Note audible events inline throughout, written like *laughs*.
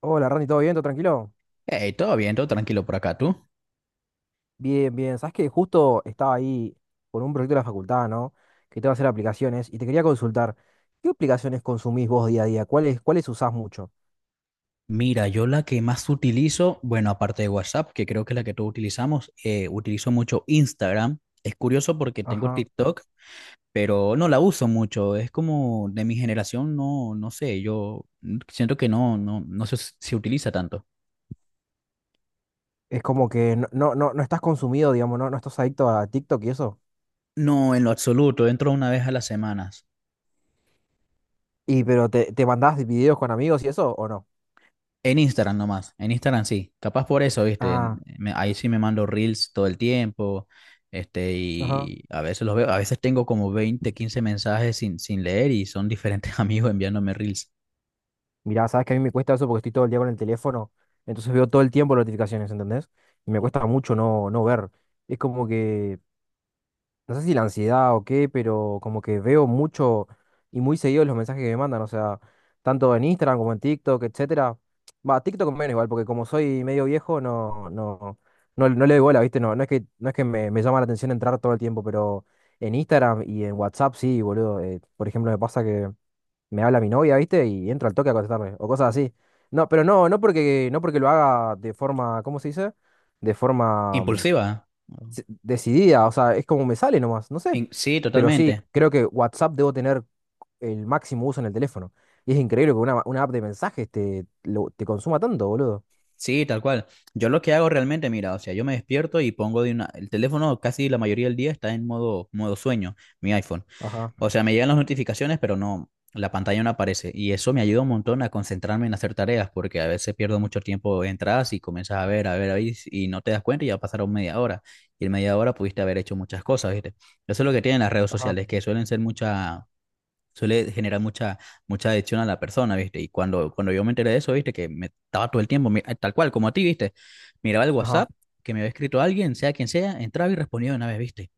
Hola, Randy, ¿todo bien? ¿Todo tranquilo? Hey, todo bien, todo tranquilo por acá, tú. Bien, bien. Sabes que justo estaba ahí con un proyecto de la facultad, ¿no? Que te va a hacer aplicaciones y te quería consultar, ¿qué aplicaciones consumís vos día a día? ¿¿Cuáles usás mucho? Mira, yo la que más utilizo, bueno, aparte de WhatsApp, que creo que es la que todos utilizamos, utilizo mucho Instagram. Es curioso porque tengo Ajá. TikTok, pero no la uso mucho. Es como de mi generación, no, no sé, yo siento que no se utiliza tanto. Es como que no, no, no, no estás consumido, digamos, no, no estás adicto a TikTok y eso. No, en lo absoluto, entro una vez a las semanas. Y pero te mandás videos con amigos y eso, ¿o no? En Instagram nomás, en Instagram sí, capaz por eso, viste, Ah, ahí sí me mando reels todo el tiempo, ajá. y a veces los veo, a veces tengo como 20 15 mensajes sin leer y son diferentes *laughs* amigos enviándome reels. Mirá, sabes que a mí me cuesta eso porque estoy todo el día con el teléfono, entonces veo todo el tiempo notificaciones, ¿entendés? Y me cuesta mucho no, no ver. Es como que no sé si la ansiedad o qué, pero como que veo mucho y muy seguido los mensajes que me mandan, o sea, tanto en Instagram como en TikTok, etcétera. Va, TikTok menos igual, porque como soy medio viejo, no, no, no, no le doy bola, ¿viste? No, no es que, no es que me llama la atención entrar todo el tiempo, pero en Instagram y en WhatsApp sí, boludo. Por ejemplo, me pasa que me habla mi novia, ¿viste? Y entro al toque a contestarle, o cosas así. No, pero no, no porque, no porque lo haga de forma, ¿cómo se dice? De forma Impulsiva, ¿no? Decidida, o sea, es como me sale nomás, no sé. Sí, Pero sí, totalmente. creo que WhatsApp debo tener el máximo uso en el teléfono. Y es increíble que una app de mensajes te, te consuma tanto, boludo. Sí, tal cual. Yo lo que hago realmente, mira, o sea, yo me despierto y pongo de una, el teléfono casi la mayoría del día está en modo sueño, mi iPhone. Ajá, O sea, me llegan las notificaciones, pero no, la pantalla no aparece. Y eso me ayuda un montón a concentrarme en hacer tareas, porque a veces pierdo mucho tiempo, entras y comienzas a ver, a ver, a ver, y no te das cuenta y ya pasaron media hora. Y en media hora pudiste haber hecho muchas cosas, ¿viste? Eso es lo que tienen las redes ajá, sociales, que suele generar mucha adicción a la persona, ¿viste? Y cuando yo me enteré de eso, ¿viste? Que me estaba todo el tiempo, tal cual, como a ti, ¿viste? Miraba el ajá. WhatsApp, que me había escrito alguien, sea quien sea, entraba y respondía de una vez, ¿viste?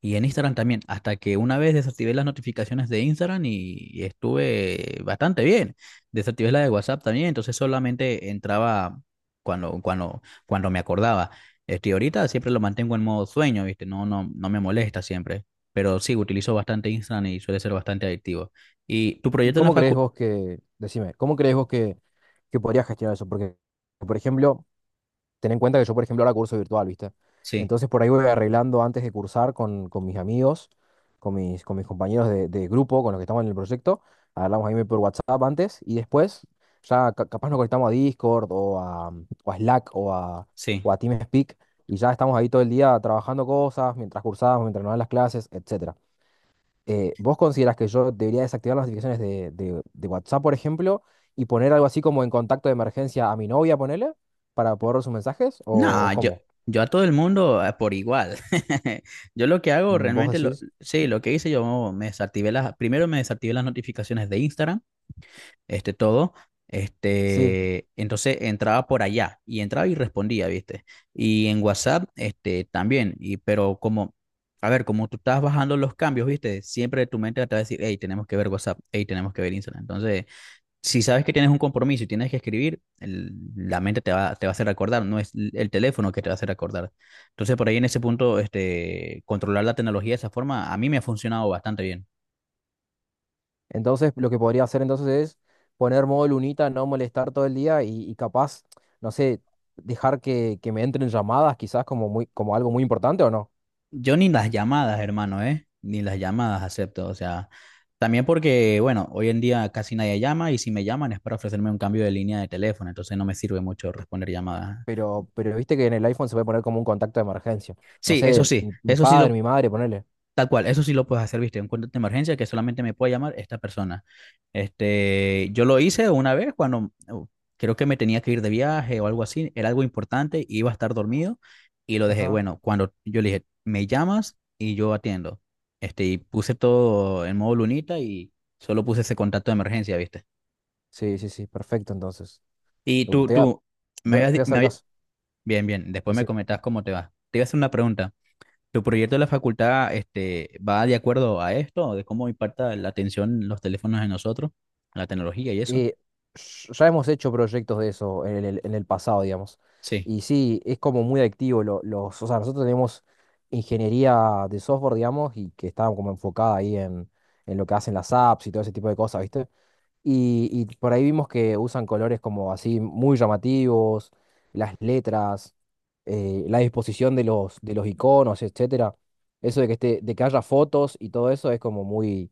Y en Instagram también, hasta que una vez desactivé las notificaciones de Instagram y estuve bastante bien. Desactivé la de WhatsApp también, entonces solamente entraba cuando me acordaba. Ahorita siempre lo mantengo en modo sueño, ¿viste? No, no, no me molesta siempre. Pero sí, utilizo bastante Instagram y suele ser bastante adictivo. ¿Y tu ¿Y proyecto en la cómo crees facu? vos que, decime, cómo crees vos que podrías gestionar eso? Porque, por ejemplo, ten en cuenta que yo, por ejemplo, ahora curso virtual, ¿viste? Sí, Entonces por ahí voy arreglando antes de cursar con mis amigos, con mis compañeros de grupo, con los que estamos en el proyecto. Hablamos ahí por WhatsApp antes y después ya capaz nos conectamos a Discord o a Slack sí. o a TeamSpeak y ya estamos ahí todo el día trabajando cosas, mientras cursamos, mientras nos dan las clases, etcétera. ¿Vos considerás que yo debería desactivar las notificaciones de, de WhatsApp, por ejemplo, y poner algo así como en contacto de emergencia a mi novia, ponele, para poder ver sus mensajes? O No, yo, cómo? yo a todo el mundo por igual. *laughs* Yo lo que hago Mm, ¿vos realmente, decís? sí, lo que hice, yo me desactivé las, primero me desactivé las notificaciones de Instagram, todo, Sí. Entonces entraba por allá y entraba y respondía, ¿viste? Y en WhatsApp, también, pero como, a ver, como tú estás bajando los cambios, ¿viste? Siempre tu mente te va a decir, hey, tenemos que ver WhatsApp, hey, tenemos que ver Instagram. Entonces, si sabes que tienes un compromiso y tienes que escribir, la mente te va a hacer recordar, no es el teléfono que te va a hacer recordar. Entonces, por ahí en ese punto, controlar la tecnología de esa forma, a mí me ha funcionado bastante bien. Entonces, lo que podría hacer entonces es poner modo lunita, no molestar todo el día y capaz, no sé, dejar que me entren llamadas, quizás como, muy, como algo muy importante o no. Yo ni las llamadas, hermano, ¿eh? Ni las llamadas acepto. O sea, también porque, bueno, hoy en día casi nadie llama y si me llaman es para ofrecerme un cambio de línea de teléfono, entonces no me sirve mucho responder llamadas. Pero viste que en el iPhone se puede poner como un contacto de emergencia. No Sí, eso sé, sí, mi eso sí padre, lo... mi madre, ponele. Tal cual, eso sí lo puedes hacer, viste, un contacto de emergencia que solamente me puede llamar esta persona. Yo lo hice una vez cuando creo que me tenía que ir de viaje o algo así, era algo importante, iba a estar dormido y lo dejé. Ajá. Bueno, cuando yo le dije, me llamas y yo atiendo. Y puse todo en modo lunita y solo puse ese contacto de emergencia, viste. Sí, sí, sí, perfecto entonces. Y Te voy a, me te habías, voy di- a me hacer había- caso. bien, bien, después me Decir, comentabas cómo te va. Te iba a hacer una pregunta. ¿Tu proyecto de la facultad, va de acuerdo a esto, de cómo impacta la atención los teléfonos en nosotros, la tecnología y eso? eh, ya hemos hecho proyectos de eso en el pasado, digamos. Sí. Y sí, es como muy adictivo. Los, o sea, nosotros tenemos ingeniería de software, digamos, y que está como enfocada ahí en lo que hacen las apps y todo ese tipo de cosas, ¿viste? Y por ahí vimos que usan colores como así muy llamativos, las letras, la disposición de los iconos, etcétera. Eso de que esté, de que haya fotos y todo eso es como muy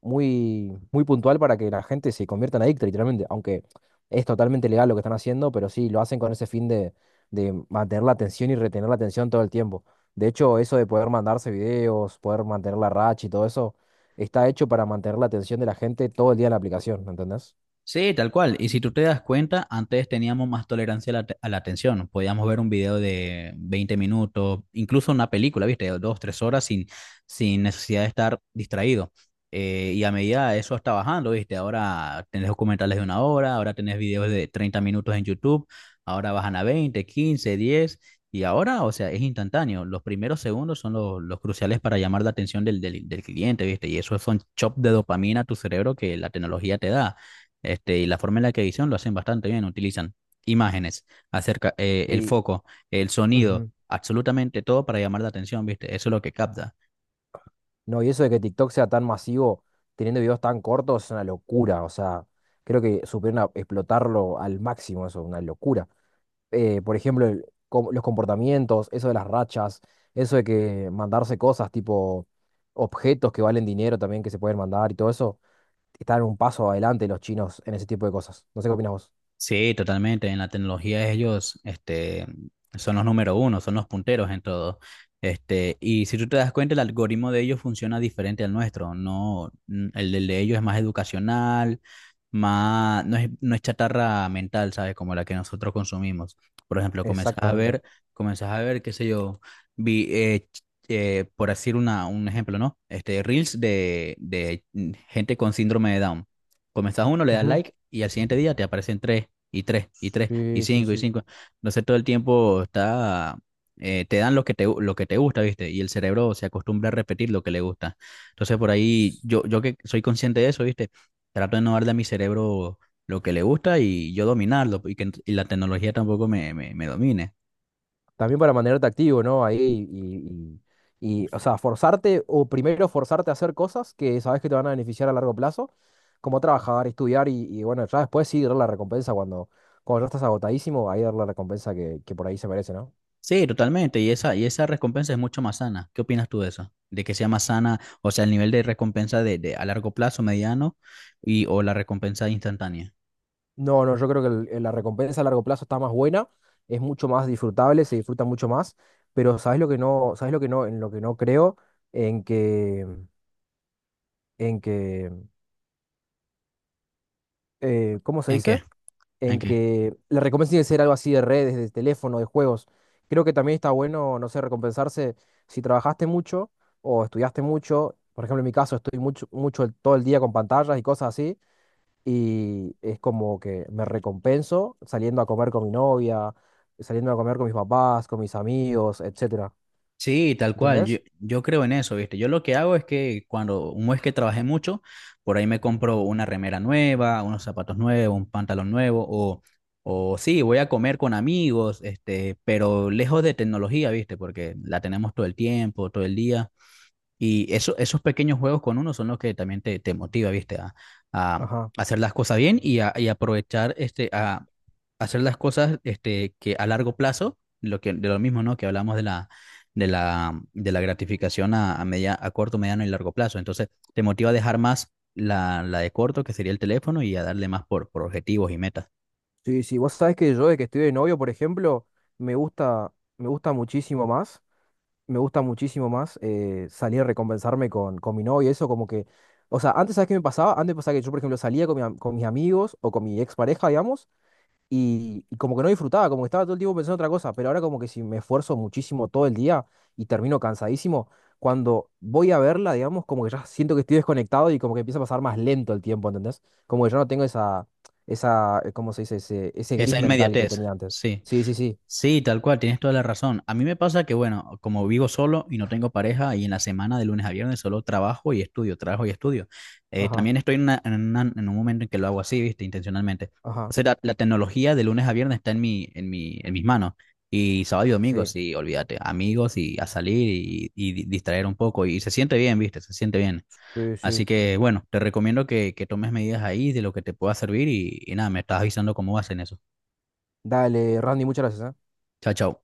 muy, muy puntual para que la gente se convierta en adicta, literalmente. Aunque es totalmente legal lo que están haciendo, pero sí, lo hacen con ese fin de mantener la atención y retener la atención todo el tiempo. De hecho, eso de poder mandarse videos, poder mantener la racha y todo eso, está hecho para mantener la atención de la gente todo el día en la aplicación, ¿entendés? Sí, tal cual. Y si tú te das cuenta, antes teníamos más tolerancia a a la atención. Podíamos ver un video de 20 minutos, incluso una película, ¿viste? De 2, 3 horas sin necesidad de estar distraído. Y a medida de eso está bajando, ¿viste? Ahora tenés documentales de una hora, ahora tenés videos de 30 minutos en YouTube, ahora bajan a 20, 15, 10. Y ahora, o sea, es instantáneo. Los primeros segundos son los cruciales para llamar la atención del cliente, ¿viste? Y eso son chops de dopamina a tu cerebro que la tecnología te da. Y la forma en la que edición lo hacen bastante bien, utilizan imágenes, acerca, el Sí. foco, el sonido, Ujú. absolutamente todo para llamar la atención, ¿viste? Eso es lo que capta. No, y eso de que TikTok sea tan masivo, teniendo videos tan cortos, es una locura. O sea, creo que supieron explotarlo al máximo, eso, una locura. Por ejemplo, los comportamientos, eso de las rachas, eso de que mandarse cosas tipo objetos que valen dinero también que se pueden mandar y todo eso, están un paso adelante los chinos en ese tipo de cosas. No sé qué opinas vos. Sí, totalmente. En la tecnología ellos, son los número uno, son los punteros en todo. Y si tú te das cuenta, el algoritmo de ellos funciona diferente al nuestro. No, el del de ellos es más educacional, más, no es chatarra mental, ¿sabes? Como la que nosotros consumimos. Por ejemplo, comenzás a Exactamente. ver, comenzás a ver, qué sé yo, por decir un ejemplo, ¿no? Reels de gente con síndrome de Down. Comenzás uno, le das Ujú. like y al siguiente día te aparecen tres y tres, y tres, y Sí, sí, cinco, y sí. cinco. Entonces todo el tiempo está, te dan lo que lo que te gusta, ¿viste? Y el cerebro se acostumbra a repetir lo que le gusta. Entonces por ahí, yo que soy consciente de eso, ¿viste? Trato de no darle a mi cerebro lo que le gusta y yo dominarlo, y la tecnología tampoco me domine. También para mantenerte activo, ¿no? Ahí y, y, o sea, forzarte, o primero forzarte a hacer cosas que sabes que te van a beneficiar a largo plazo, como trabajar, estudiar y bueno, ya después sí dar la recompensa cuando, cuando ya estás agotadísimo, ahí dar la recompensa que por ahí se merece, ¿no? Sí, totalmente, y esa recompensa es mucho más sana. ¿Qué opinas tú de eso? De que sea más sana, o sea, el nivel de recompensa de a largo plazo, mediano, o la recompensa instantánea. No, no, yo creo que la recompensa a largo plazo está más buena, es mucho más disfrutable, se disfruta mucho más, pero ¿sabes lo que no, sabes lo que no, en lo que no creo? En que, en que, ¿cómo se ¿En dice? qué? ¿En En qué? que la recompensa tiene que ser algo así de redes, de teléfono, de juegos. Creo que también está bueno, no sé, recompensarse si trabajaste mucho o estudiaste mucho. Por ejemplo, en mi caso estoy mucho, mucho todo el día con pantallas y cosas así. Y es como que me recompenso saliendo a comer con mi novia, saliendo a comer con mis papás, con mis amigos, etcétera. Sí, tal cual. Yo, ¿Entendés? yo creo en eso, ¿viste? Yo lo que hago es que cuando un mes que trabajé mucho, por ahí me compro una remera nueva, unos zapatos nuevos, un pantalón nuevo, o, sí, voy a comer con amigos, pero lejos de tecnología, ¿viste? Porque la tenemos todo el tiempo, todo el día. Y esos pequeños juegos con uno son los que también te motiva, ¿viste? A Ajá. hacer las cosas bien y aprovechar, a hacer las cosas, que a largo plazo, de lo mismo, ¿no? Que hablamos de la gratificación a corto, mediano y largo plazo. Entonces, te motiva a dejar más la de corto, que sería el teléfono, y a darle más por objetivos y metas. Sí, sí. Vos sabés que yo de que estoy de novio, por ejemplo, me gusta muchísimo más me gusta muchísimo más salir a recompensarme con mi novia, eso como que, o sea, antes, ¿sabes qué me pasaba? Antes pasaba que yo, por ejemplo, salía con, con mis amigos o con mi expareja, digamos, y como que no disfrutaba, como que estaba todo el tiempo pensando en otra cosa, pero ahora como que si me esfuerzo muchísimo todo el día y termino cansadísimo, cuando voy a verla, digamos, como que ya siento que estoy desconectado y como que empieza a pasar más lento el tiempo, ¿entendés? Como que yo no tengo esa, esa, ¿cómo se dice? Ese gris Esa mental que inmediatez, tenía antes. sí. Sí, sí, sí. Sí, tal cual, tienes toda la razón. A mí me pasa que, bueno, como vivo solo y no tengo pareja y en la semana de lunes a viernes solo trabajo y estudio, trabajo y estudio. Ajá, También estoy en un momento en que lo hago así, viste, intencionalmente. O ajá. sea, la tecnología de lunes a viernes está en mis manos. Y sábado y domingo, Sí, sí, olvídate, amigos y a salir distraer un poco. Y se siente bien, viste, se siente bien. sí, Así sí. que, bueno, te recomiendo que tomes medidas ahí de lo que te pueda servir y nada, me estás avisando cómo vas en eso. Dale, Randy, muchas gracias, ¿eh? Chao, chao.